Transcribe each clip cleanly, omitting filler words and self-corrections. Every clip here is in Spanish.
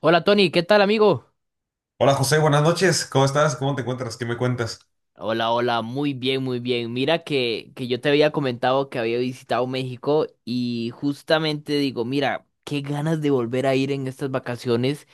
Hola Tony, ¿qué tal amigo? Hola José, buenas noches. ¿Cómo estás? ¿Cómo te encuentras? ¿Qué me cuentas? Hola, hola, muy bien, muy bien. Mira que yo te había comentado que había visitado México y justamente digo, mira, qué ganas de volver a ir en estas vacaciones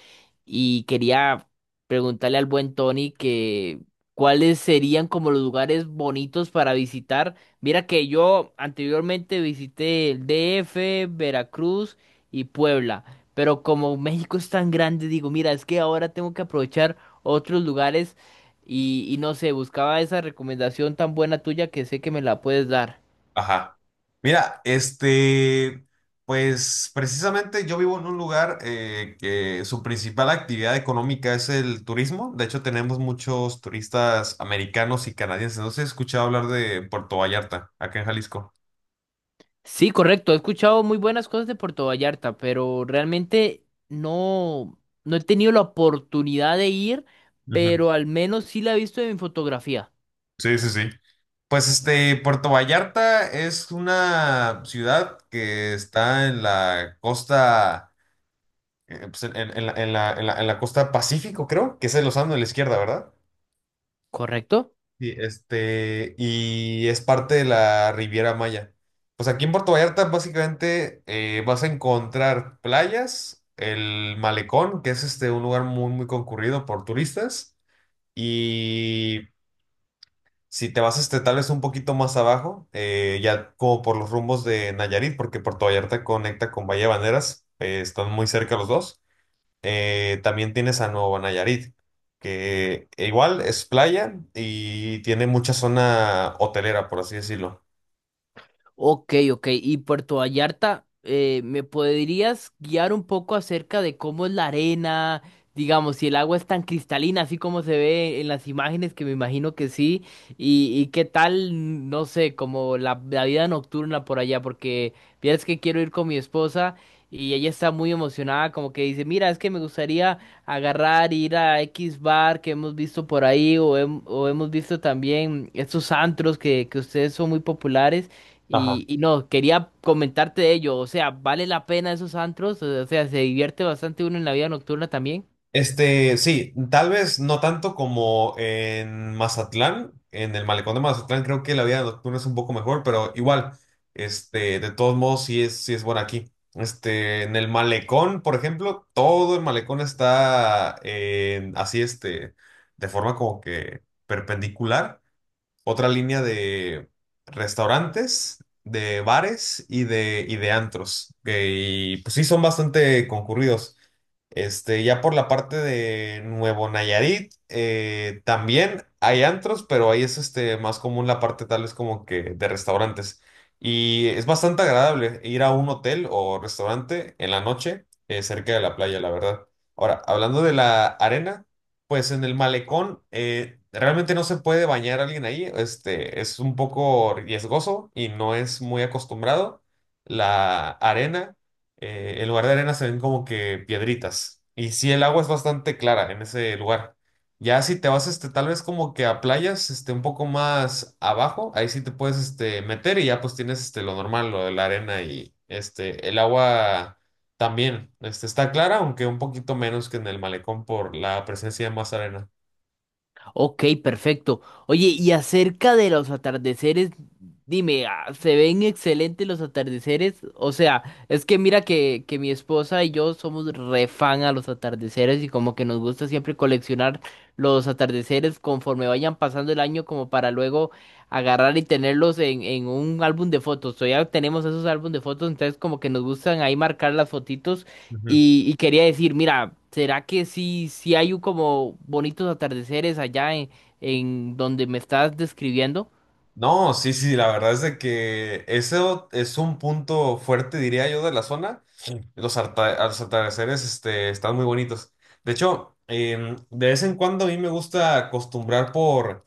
y quería preguntarle al buen Tony que cuáles serían como los lugares bonitos para visitar. Mira que yo anteriormente visité el DF, Veracruz y Puebla, pero como México es tan grande, digo, mira, es que ahora tengo que aprovechar otros lugares. Y no sé, buscaba esa recomendación tan buena tuya que sé que me la puedes dar. Ajá. Mira, pues precisamente yo vivo en un lugar que su principal actividad económica es el turismo. De hecho, tenemos muchos turistas americanos y canadienses. No sé si has escuchado hablar de Puerto Vallarta, acá en Jalisco. Sí, correcto, he escuchado muy buenas cosas de Puerto Vallarta, pero realmente no he tenido la oportunidad de ir, Ujú. pero al menos sí la he visto en mi fotografía, Sí, sí, sí. Pues Puerto Vallarta es una ciudad que está en la costa pues, en la costa Pacífico, creo, que es el océano de la izquierda, ¿verdad? ¿correcto? Sí, y es parte de la Riviera Maya. Pues aquí en Puerto Vallarta básicamente vas a encontrar playas, el malecón, que es un lugar muy, muy concurrido por turistas, y si te vas tal vez un poquito más abajo, ya como por los rumbos de Nayarit, porque Puerto Vallarta conecta con Bahía Banderas, están muy cerca los dos. También tienes a Nuevo Nayarit, que igual es playa y tiene mucha zona hotelera, por así decirlo. Ok, ok. Y Puerto Vallarta, ¿me podrías guiar un poco acerca de cómo es la arena? Digamos, si el agua es tan cristalina, así como se ve en las imágenes, que me imagino que sí. Y qué tal, no sé, como la vida nocturna por allá, porque vieras que quiero ir con mi esposa y ella está muy emocionada, como que dice, mira, es que me gustaría agarrar, ir a X bar que hemos visto por ahí, o, o hemos visto también estos antros que ustedes son muy populares. Ajá. Y no, quería comentarte de ello. O sea, vale la pena esos antros. O sea, se divierte bastante uno en la vida nocturna también. Sí, tal vez no tanto como en Mazatlán. En el malecón de Mazatlán creo que la vida nocturna es un poco mejor, pero igual, de todos modos sí es buena aquí. En el malecón, por ejemplo, todo el malecón está así, de forma como que perpendicular. Otra línea de restaurantes, de bares y y de antros y pues sí, son bastante concurridos. Ya por la parte de Nuevo Nayarit, también hay antros, pero ahí es más común la parte tal vez como que de restaurantes. Y es bastante agradable ir a un hotel o restaurante en la noche, cerca de la playa, la verdad. Ahora, hablando de la arena. Pues en el malecón realmente no se puede bañar alguien ahí, es un poco riesgoso y no es muy acostumbrado. La arena, en lugar de arena se ven como que piedritas y sí el agua es bastante clara en ese lugar. Ya si te vas tal vez como que a playas un poco más abajo, ahí sí te puedes meter y ya pues tienes lo normal, lo de la arena y el agua. También, está clara, aunque un poquito menos que en el malecón por la presencia de más arena. Ok, perfecto. Oye, y acerca de los atardeceres, dime, ¿se ven excelentes los atardeceres? O sea, es que mira que mi esposa y yo somos re fan a los atardeceres y como que nos gusta siempre coleccionar los atardeceres conforme vayan pasando el año como para luego agarrar y tenerlos en un álbum de fotos. O tenemos esos álbumes de fotos, entonces como que nos gustan ahí marcar las fotitos. Ujú. Y quería decir, mira, ¿será que sí hay un como bonitos atardeceres allá en donde me estás describiendo? No, sí, sí, la verdad es de que eso es un punto fuerte, diría yo, de la zona. Sí. Los atardeceres, están muy bonitos. De hecho, de vez en cuando a mí me gusta acostumbrar por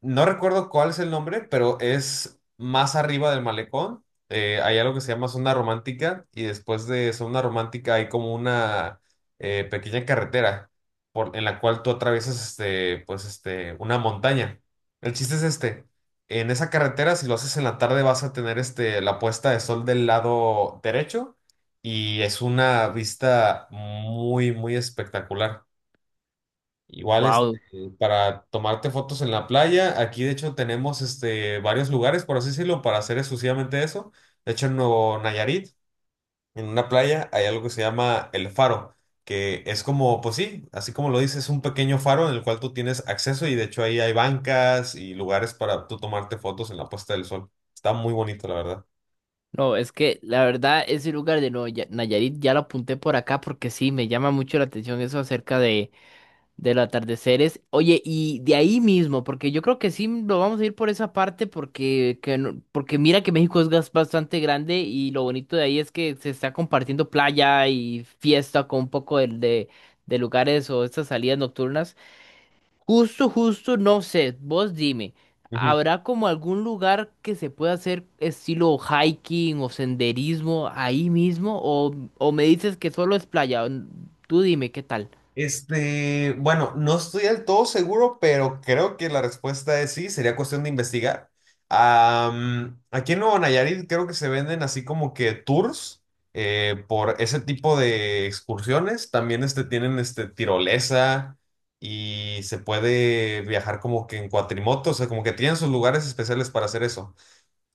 No recuerdo cuál es el nombre, pero es más arriba del malecón. Hay algo que se llama zona romántica y después de zona romántica hay como una pequeña carretera en la cual tú atraviesas una montaña. El chiste es este. En esa carretera, si lo haces en la tarde, vas a tener la puesta de sol del lado derecho y es una vista muy, muy espectacular. Igual, Wow, para tomarte fotos en la playa, aquí de hecho tenemos varios lugares, por así decirlo, para hacer exclusivamente eso. De hecho, en Nuevo Nayarit, en una playa, hay algo que se llama El Faro, que es como, pues sí, así como lo dices, es un pequeño faro en el cual tú tienes acceso y de hecho ahí hay bancas y lugares para tú tomarte fotos en la puesta del sol. Está muy bonito, la verdad. no, es que la verdad ese lugar de Nayarit ya lo apunté por acá porque sí, me llama mucho la atención eso acerca de del atardecer es, oye, y de ahí mismo, porque yo creo que sí lo vamos a ir por esa parte, porque, que no- porque mira que México es bastante grande y lo bonito de ahí es que se está compartiendo playa y fiesta con un poco de lugares o estas salidas nocturnas. Justo, justo, no sé, vos dime, ¿habrá como algún lugar que se pueda hacer estilo hiking o senderismo ahí mismo? O me dices que solo es playa? Tú dime, ¿qué tal? Bueno, no estoy del todo seguro, pero creo que la respuesta es sí, sería cuestión de investigar. Aquí en Nuevo Nayarit creo que se venden así como que tours por ese tipo de excursiones. También tienen tirolesa y se puede viajar como que en cuatrimoto, o sea, como que tienen sus lugares especiales para hacer eso.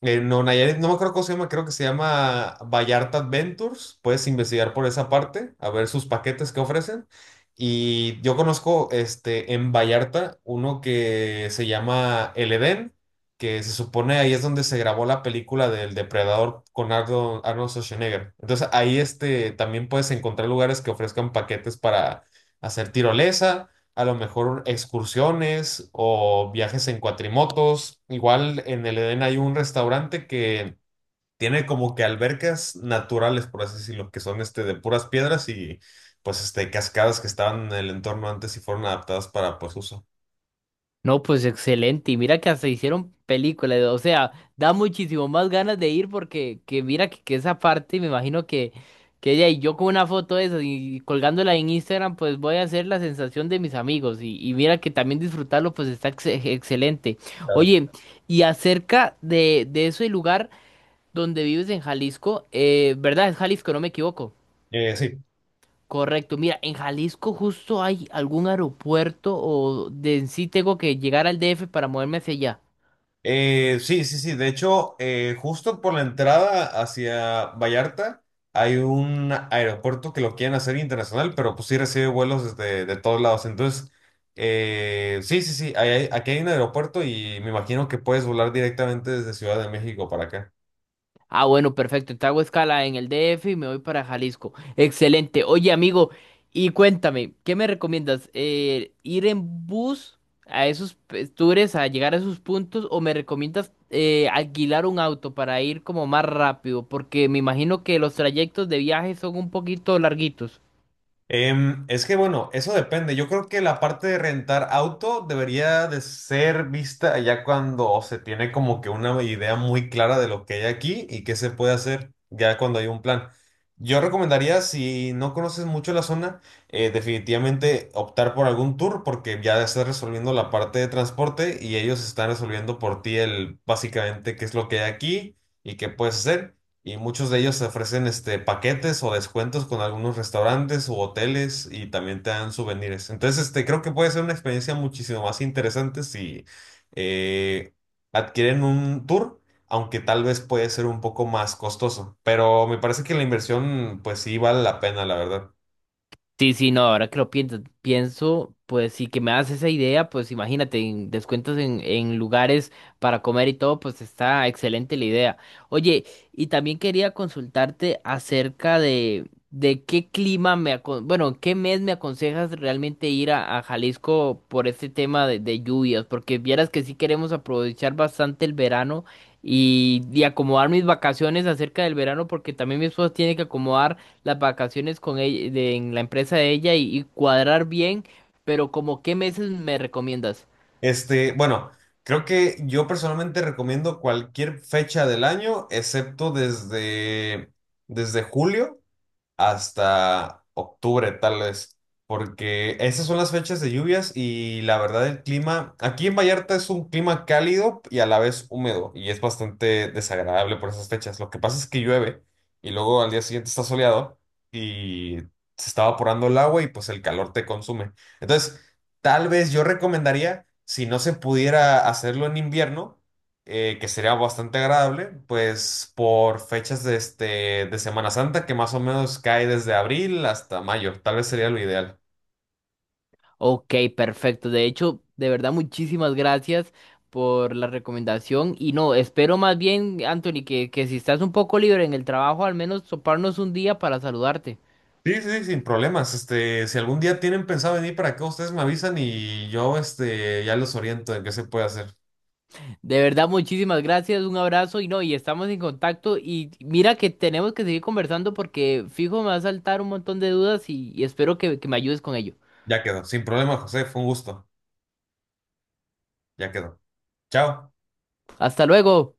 No, Nayarit, no me acuerdo cómo se llama, creo que se llama Vallarta Adventures. Puedes investigar por esa parte, a ver sus paquetes que ofrecen. Y yo conozco en Vallarta uno que se llama El Edén, que se supone ahí es donde se grabó la película del Depredador con Arnold Schwarzenegger. Entonces ahí también puedes encontrar lugares que ofrezcan paquetes para hacer tirolesa a lo mejor excursiones o viajes en cuatrimotos. Igual en el Edén hay un restaurante que tiene como que albercas naturales, por así decirlo, que son de puras piedras y pues cascadas que estaban en el entorno antes y fueron adaptadas para pues uso. No, pues excelente. Y mira que hasta hicieron películas. O sea, da muchísimo más ganas de ir porque que mira que esa parte, me imagino que ella y yo con una foto de esas y colgándola en Instagram, pues voy a hacer la sensación de mis amigos. Y mira que también disfrutarlo, pues está excelente. Claro. Oye, y acerca de ese lugar donde vives en Jalisco, ¿verdad? Es Jalisco, no me equivoco. Sí. Correcto, mira, en Jalisco justo hay algún aeropuerto o de en sí tengo que llegar al DF para moverme hacia allá. Sí, sí, sí. De hecho, justo por la entrada hacia Vallarta hay un aeropuerto que lo quieren hacer internacional, pero pues sí recibe vuelos desde de todos lados. Entonces, sí, sí, sí. Aquí hay un aeropuerto y me imagino que puedes volar directamente desde Ciudad de México para acá. Ah, bueno, perfecto, entonces hago escala en el DF y me voy para Jalisco. Excelente. Oye, amigo, y cuéntame, ¿qué me recomiendas? ¿Ir en bus a esos tours, a llegar a esos puntos, o me recomiendas alquilar un auto para ir como más rápido? Porque me imagino que los trayectos de viaje son un poquito larguitos. Es que bueno, eso depende. Yo creo que la parte de rentar auto debería de ser vista ya cuando se tiene como que una idea muy clara de lo que hay aquí y qué se puede hacer ya cuando hay un plan. Yo recomendaría, si no conoces mucho la zona, definitivamente optar por algún tour porque ya estás resolviendo la parte de transporte y ellos están resolviendo por ti el básicamente qué es lo que hay aquí y qué puedes hacer. Y muchos de ellos ofrecen paquetes o descuentos con algunos restaurantes u hoteles y también te dan souvenirs. Entonces, creo que puede ser una experiencia muchísimo más interesante si eh, adquieren un tour, aunque tal vez puede ser un poco más costoso. Pero me parece que la inversión, pues sí vale la pena, la verdad. Sí, sí, no, ahora que lo pienso, pienso, pues sí que me das esa idea, pues imagínate, en descuentos en lugares para comer y todo, pues está excelente la idea. Oye, y también quería consultarte acerca de qué clima me, bueno, qué mes me aconsejas realmente ir a Jalisco por este tema de lluvias, porque vieras que sí queremos aprovechar bastante el verano y acomodar mis vacaciones acerca del verano, porque también mi esposa tiene que acomodar las vacaciones con ella, en la empresa de ella y cuadrar bien, pero como qué meses me recomiendas. Bueno, creo que yo personalmente recomiendo cualquier fecha del año, excepto desde julio hasta octubre, tal vez, porque esas son las fechas de lluvias y la verdad el clima, aquí en Vallarta es un clima cálido y a la vez húmedo y es bastante desagradable por esas fechas. Lo que pasa es que llueve y luego al día siguiente está soleado y se está evaporando el agua y pues el calor te consume. Entonces, tal vez yo recomendaría, si no se pudiera hacerlo en invierno, que sería bastante agradable, pues por fechas de Semana Santa, que más o menos cae desde abril hasta mayo, tal vez sería lo ideal. Ok, perfecto. De hecho, de verdad, muchísimas gracias por la recomendación. Y no, espero más bien, Anthony, que si estás un poco libre en el trabajo, al menos toparnos un día para saludarte. Sí, sí, sin problemas. Si algún día tienen pensado venir para acá, ustedes me avisan y yo, ya los oriento en qué se puede hacer. De verdad, muchísimas gracias, un abrazo y no, y estamos en contacto y mira que tenemos que seguir conversando porque fijo me va a saltar un montón de dudas y espero que me ayudes con ello. Ya quedó. Sin problema, José, fue un gusto. Ya quedó. Chao. Hasta luego.